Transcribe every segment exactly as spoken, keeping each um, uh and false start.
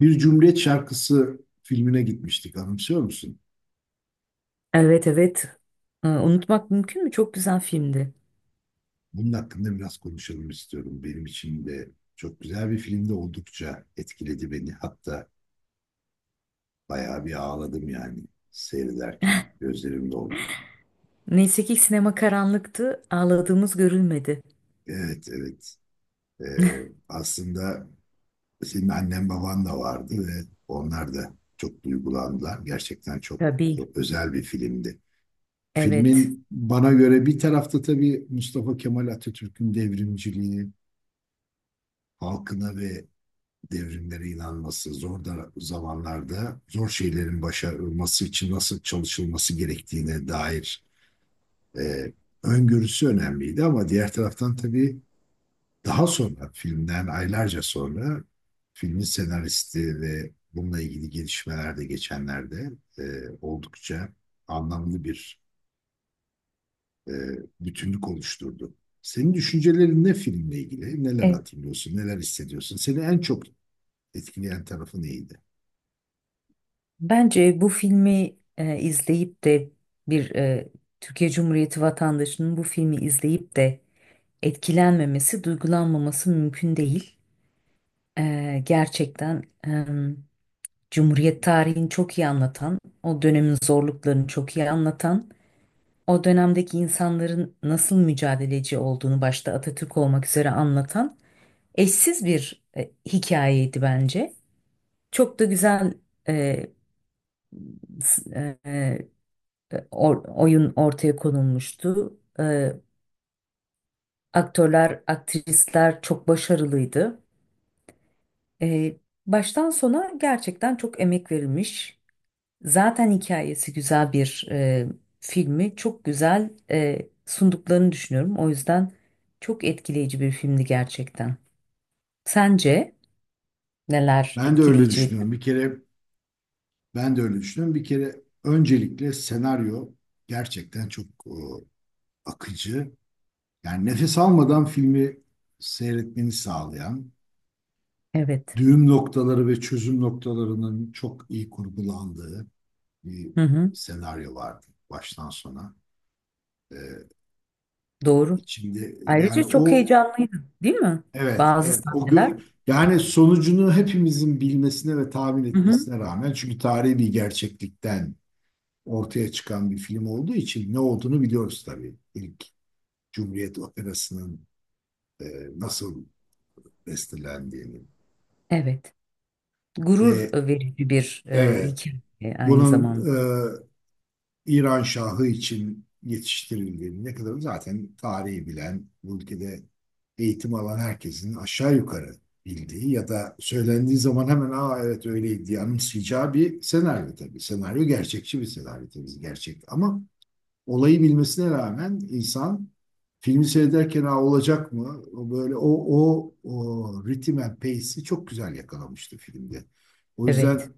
Bir Cumhuriyet Şarkısı filmine gitmiştik, anımsıyor musun? Evet evet. Ee, Unutmak mümkün mü? Çok güzel filmdi. Bunun hakkında biraz konuşalım istiyorum. Benim için de çok güzel bir filmde oldukça etkiledi beni. Hatta bayağı bir ağladım yani seyrederken gözlerim doldu. Neyse ki sinema karanlıktı. Ağladığımız görülmedi. Evet, evet. Ee, aslında senin annen baban da vardı ve onlar da çok duygulandılar. Gerçekten çok, Tabii. çok özel bir filmdi. Evet. Filmin bana göre bir tarafta tabii Mustafa Kemal Atatürk'ün devrimciliği, halkına ve devrimlere inanması, zor da zamanlarda zor şeylerin başarılması için nasıl çalışılması gerektiğine dair e, öngörüsü önemliydi. Ama diğer taraftan tabii daha sonra, filmden aylarca sonra, filmin senaristi ve bununla ilgili gelişmeler de geçenlerde e, oldukça anlamlı bir e, bütünlük oluşturdu. Senin düşüncelerin ne filmle ilgili? Neler E, hatırlıyorsun? Neler hissediyorsun? Seni en çok etkileyen tarafı neydi? Bence bu filmi e, izleyip de bir e, Türkiye Cumhuriyeti vatandaşının bu filmi izleyip de etkilenmemesi, duygulanmaması mümkün değil. E, gerçekten e, Cumhuriyet tarihini çok iyi anlatan, o dönemin zorluklarını çok iyi anlatan o dönemdeki insanların nasıl mücadeleci olduğunu başta Atatürk olmak üzere anlatan eşsiz bir e, hikayeydi bence. Çok da güzel e, s- e, e, or- oyun ortaya konulmuştu. E, aktörler, aktrisler çok başarılıydı. E, baştan sona gerçekten çok emek verilmiş. Zaten hikayesi güzel bir e, filmi çok güzel e, sunduklarını düşünüyorum. O yüzden çok etkileyici bir filmdi gerçekten. Sence neler Ben de öyle etkileyiciydi? düşünüyorum. Bir kere ben de öyle düşünüyorum. Bir kere öncelikle senaryo gerçekten çok e, akıcı. Yani nefes almadan filmi seyretmeni sağlayan, Evet. düğüm noktaları ve çözüm noktalarının çok iyi kurgulandığı bir Hı hı, senaryo vardı baştan sona. E, doğru. içinde Ayrıca yani çok o heyecanlıydı, değil mi? evet Bazı evet o sahneler. gö- Yani sonucunu hepimizin bilmesine ve tahmin Hı hı, etmesine rağmen, çünkü tarihi bir gerçeklikten ortaya çıkan bir film olduğu için ne olduğunu biliyoruz tabii. İlk Cumhuriyet Operası'nın e, nasıl bestelendiğini. evet. Gurur Ve verici bir e, evet, hikaye aynı bunun zamanda. e, İran Şahı için yetiştirildiğini, ne kadar zaten tarihi bilen bu ülkede eğitim alan herkesin aşağı yukarı bildiği ya da söylendiği zaman hemen "aa, evet öyleydi" diye anımsayacağı bir senaryo tabii. Senaryo gerçekçi bir senaryo, tabii gerçek, ama olayı bilmesine rağmen insan filmi seyrederken "Aa, olacak mı?" O böyle o o o ritim and pace'i çok güzel yakalamıştı filmde. O Evet. yüzden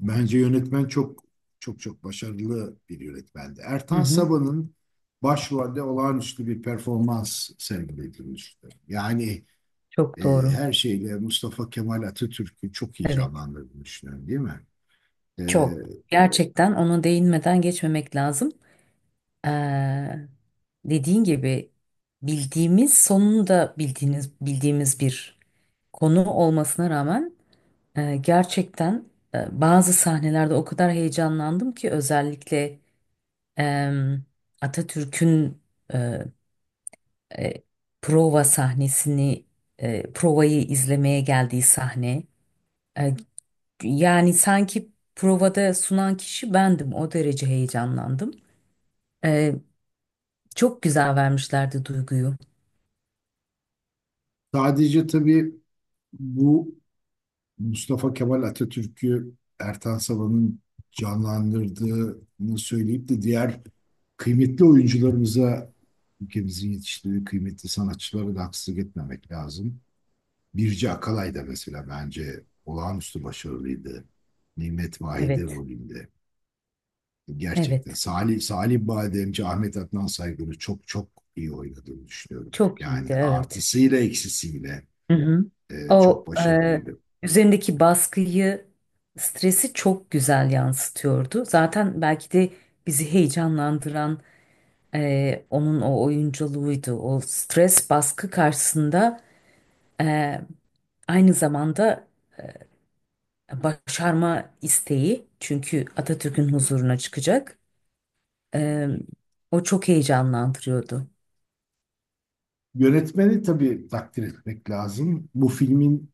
bence yönetmen çok çok çok başarılı bir yönetmendi. Hı Ertan hı, Sabah'ın başrolde olağanüstü bir performans sergilemişti. Yani çok e, doğru. her şeyle Mustafa Kemal Atatürk'ü çok iyi Evet. canlandırdığını düşünüyorum, değil mi? E, Çok. Gerçekten ona değinmeden geçmemek lazım. Eee, dediğin gibi bildiğimiz sonunda bildiğiniz bildiğimiz bir konu olmasına rağmen e, gerçekten e, bazı sahnelerde o kadar heyecanlandım ki özellikle em, Atatürk'ün e, e, prova sahnesini e, provayı izlemeye geldiği sahne. E, yani sanki provada sunan kişi bendim o derece heyecanlandım. E, çok güzel vermişlerdi duyguyu. sadece tabii bu Mustafa Kemal Atatürk'ü Ertan Salan'ın canlandırdığını söyleyip de diğer kıymetli oyuncularımıza, ülkemizin yetiştirdiği kıymetli sanatçılara da haksızlık etmemek lazım. Birce Akalay da mesela bence olağanüstü başarılıydı, Nimet Vahide Evet. rolünde. Gerçekten Evet. Salih, Salih Bademci, Ahmet Adnan Saygın'ı çok çok iyi oynadığını düşünüyorum. Çok iyiydi, Yani evet. artısıyla eksisiyle Hı hı. e, çok O e, başarılıydı. üzerindeki baskıyı, stresi çok güzel yansıtıyordu. Zaten belki de bizi heyecanlandıran e, onun o oyunculuğuydu. O stres baskı karşısında e, aynı zamanda başarma isteği. Çünkü Atatürk'ün huzuruna çıkacak. E, o çok heyecanlandırıyordu. Yönetmeni tabii takdir etmek lazım. Bu filmin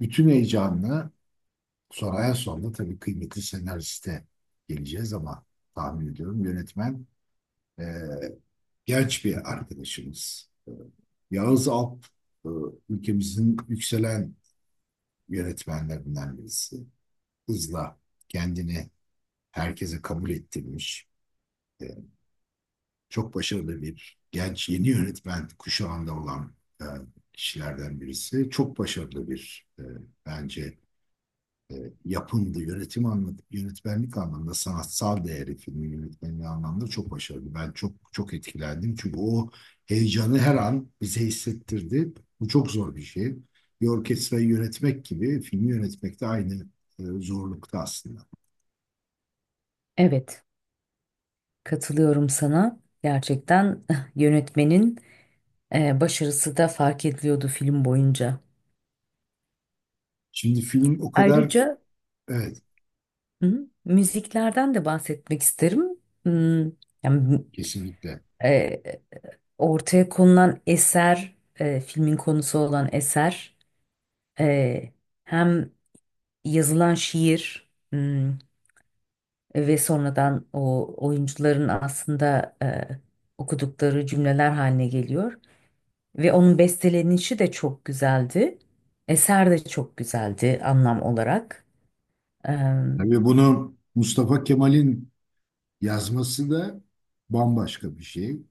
bütün heyecanını, sonraya sonra tabii kıymetli senariste geleceğiz ama, tahmin ediyorum yönetmen e, genç bir arkadaşımız. E, Yağız Alp, e, ülkemizin yükselen yönetmenlerinden birisi. Hızla kendini herkese kabul ettirmiş. E, Çok başarılı, bir genç yeni yönetmen kuşağında olan e, kişilerden birisi. Çok başarılı bir, e, bence, e, yapımdı. Yönetim anlamında, yönetmenlik anlamında, sanatsal değeri, filmin yönetmenliği anlamında çok başarılı. Ben çok çok etkilendim. Çünkü o heyecanı her an bize hissettirdi. Bu çok zor bir şey. Bir orkestrayı yönetmek gibi, filmi yönetmek de aynı e, zorlukta aslında. Evet, katılıyorum sana. Gerçekten yönetmenin e, başarısı da fark ediliyordu film boyunca. Şimdi film o kadar Ayrıca evet hı, müziklerden de bahsetmek isterim. Hmm, yani, kesinlikle. e, ortaya konulan eser, e, filmin konusu olan eser, e, hem yazılan şiir hmm, ve sonradan o oyuncuların aslında e, okudukları cümleler haline geliyor. Ve onun bestelenişi de çok güzeldi. Eser de çok güzeldi anlam olarak. Tabii bunu Mustafa Kemal'in yazması da bambaşka bir şey.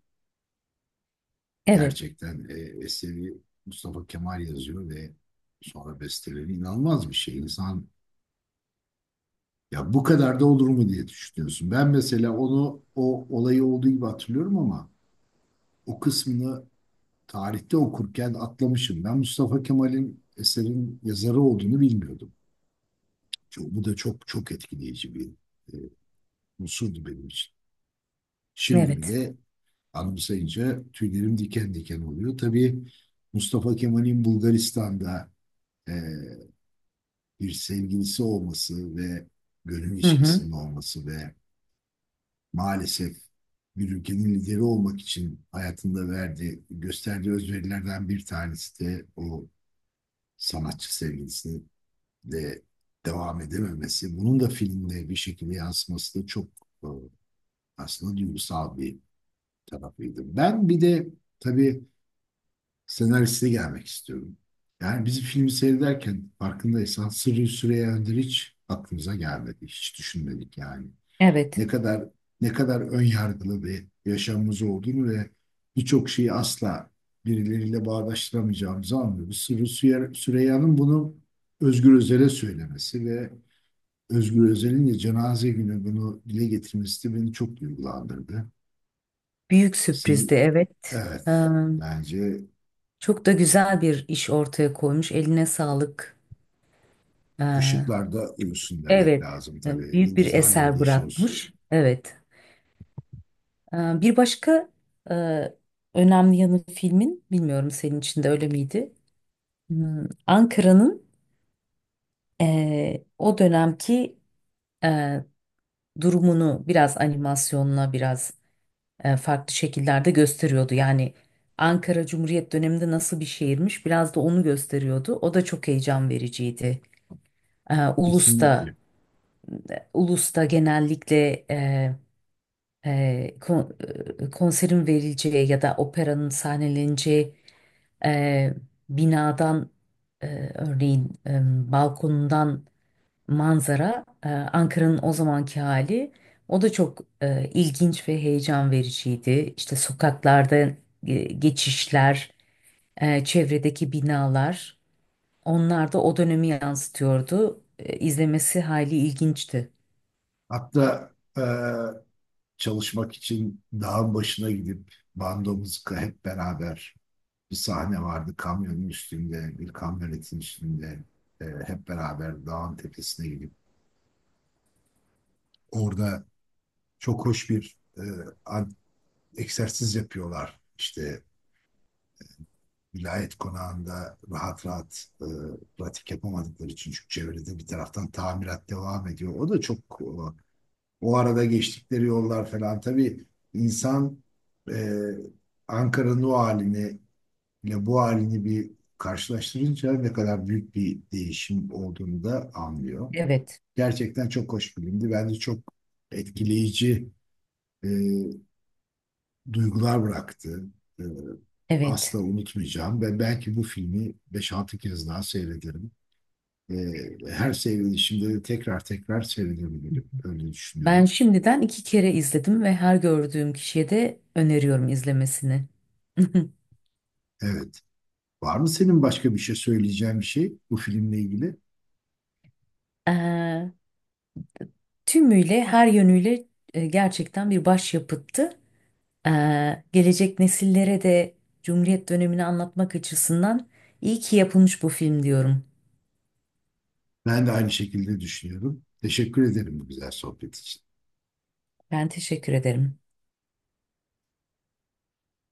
Evet, Gerçekten e, eseri Mustafa Kemal yazıyor ve sonra besteleri inanılmaz bir şey. İnsan "ya, bu kadar da olur mu" diye düşünüyorsun. Ben mesela onu, o olayı olduğu gibi hatırlıyorum ama o kısmını tarihte okurken atlamışım. Ben Mustafa Kemal'in eserin yazarı olduğunu bilmiyordum. Çok- Bu da çok çok etkileyici bir e, unsurdu benim için. Şimdi evet. bile anımsayınca tüylerim diken diken oluyor. Tabii Mustafa Kemal'in Bulgaristan'da e, bir sevgilisi olması ve gönül Hı hı. ilişkisinin olması ve maalesef, bir ülkenin lideri olmak için hayatında verdiği, gösterdiği özverilerden bir tanesi de o sanatçı sevgilisi de devam edememesi. Bunun da filmde bir şekilde yansıması da çok, e, aslında duygusal bir tarafıydı. Ben bir de tabii senaristi gelmek istiyorum. Yani biz filmi seyrederken, farkındaysan, Sırrı Süreyya Önder'i hiç aklımıza gelmedi. Hiç düşünmedik yani. Evet. Ne kadar ne kadar ön yargılı bir yaşamımız olduğunu ve birçok şeyi asla birileriyle bağdaştıramayacağımızı anlıyoruz. Sırrı Süre- Süreyya'nın bunu Özgür Özel'e söylemesi ve Özgür Özel'in de cenaze günü bunu dile getirmesi de beni çok duygulandırdı. Büyük Sırrı, sürprizdi, evet. Ee, evet, bence çok da güzel bir iş ortaya koymuş. Eline sağlık. Ee, ışıklarda ölsün demek evet. lazım Ee, tabii. Büyük bir Yıldızlar eser yoldaşı olsun. bırakmış. Evet. Ee, bir başka e, önemli yanı filmin, bilmiyorum senin için de öyle miydi? Hmm, Ankara'nın e, o dönemki e, durumunu biraz animasyonla biraz e, farklı şekillerde gösteriyordu. Yani Ankara Cumhuriyet döneminde nasıl bir şehirmiş biraz da onu gösteriyordu. O da çok heyecan vericiydi. E, Ulus'ta, Kesinlikle. Ulus'ta genellikle e, e, kon- e, konserin verileceği ya da operanın sahneleneceği e, binadan e, örneğin e, balkonundan manzara, e, Ankara'nın o zamanki hali. O da çok e, ilginç ve heyecan vericiydi. İşte sokaklarda e, geçişler, e, çevredeki binalar, onlar da o dönemi yansıtıyordu. E, izlemesi hali ilginçti. Hatta e, çalışmak için dağın başına gidip bandomuzu hep beraber, bir sahne vardı kamyonun üstünde, bir kamyonetin üstünde, e, hep beraber dağın tepesine gidip orada çok hoş bir, e, an- egzersiz yapıyorlar. İşte vilayet konağında rahat rahat e, pratik yapamadıkları için, çünkü çevrede bir taraftan tamirat devam ediyor. O da çok, e, o arada geçtikleri yollar falan, tabii insan e, Ankara'nın o halini ile bu halini bir karşılaştırınca ne kadar büyük bir değişim olduğunu da anlıyor. Evet, Gerçekten çok hoş filmdi. Bence çok etkileyici e, duygular bıraktı. Ee, evet. asla unutmayacağım ve belki bu filmi beş altı kez daha seyrederim. Ee, her seyredişimde de tekrar tekrar seyredebilirim. Öyle Ben düşünüyorum. şimdiden iki kere izledim ve her gördüğüm kişiye de öneriyorum izlemesini. Evet. Var mı senin başka bir şey söyleyeceğin, bir şey bu filmle ilgili? Eee, tümüyle her yönüyle e, gerçekten bir başyapıttı. Ee, gelecek nesillere de Cumhuriyet dönemini anlatmak açısından iyi ki yapılmış bu film diyorum. Ben de aynı şekilde düşünüyorum. Teşekkür ederim bu güzel sohbet için. Ben teşekkür ederim.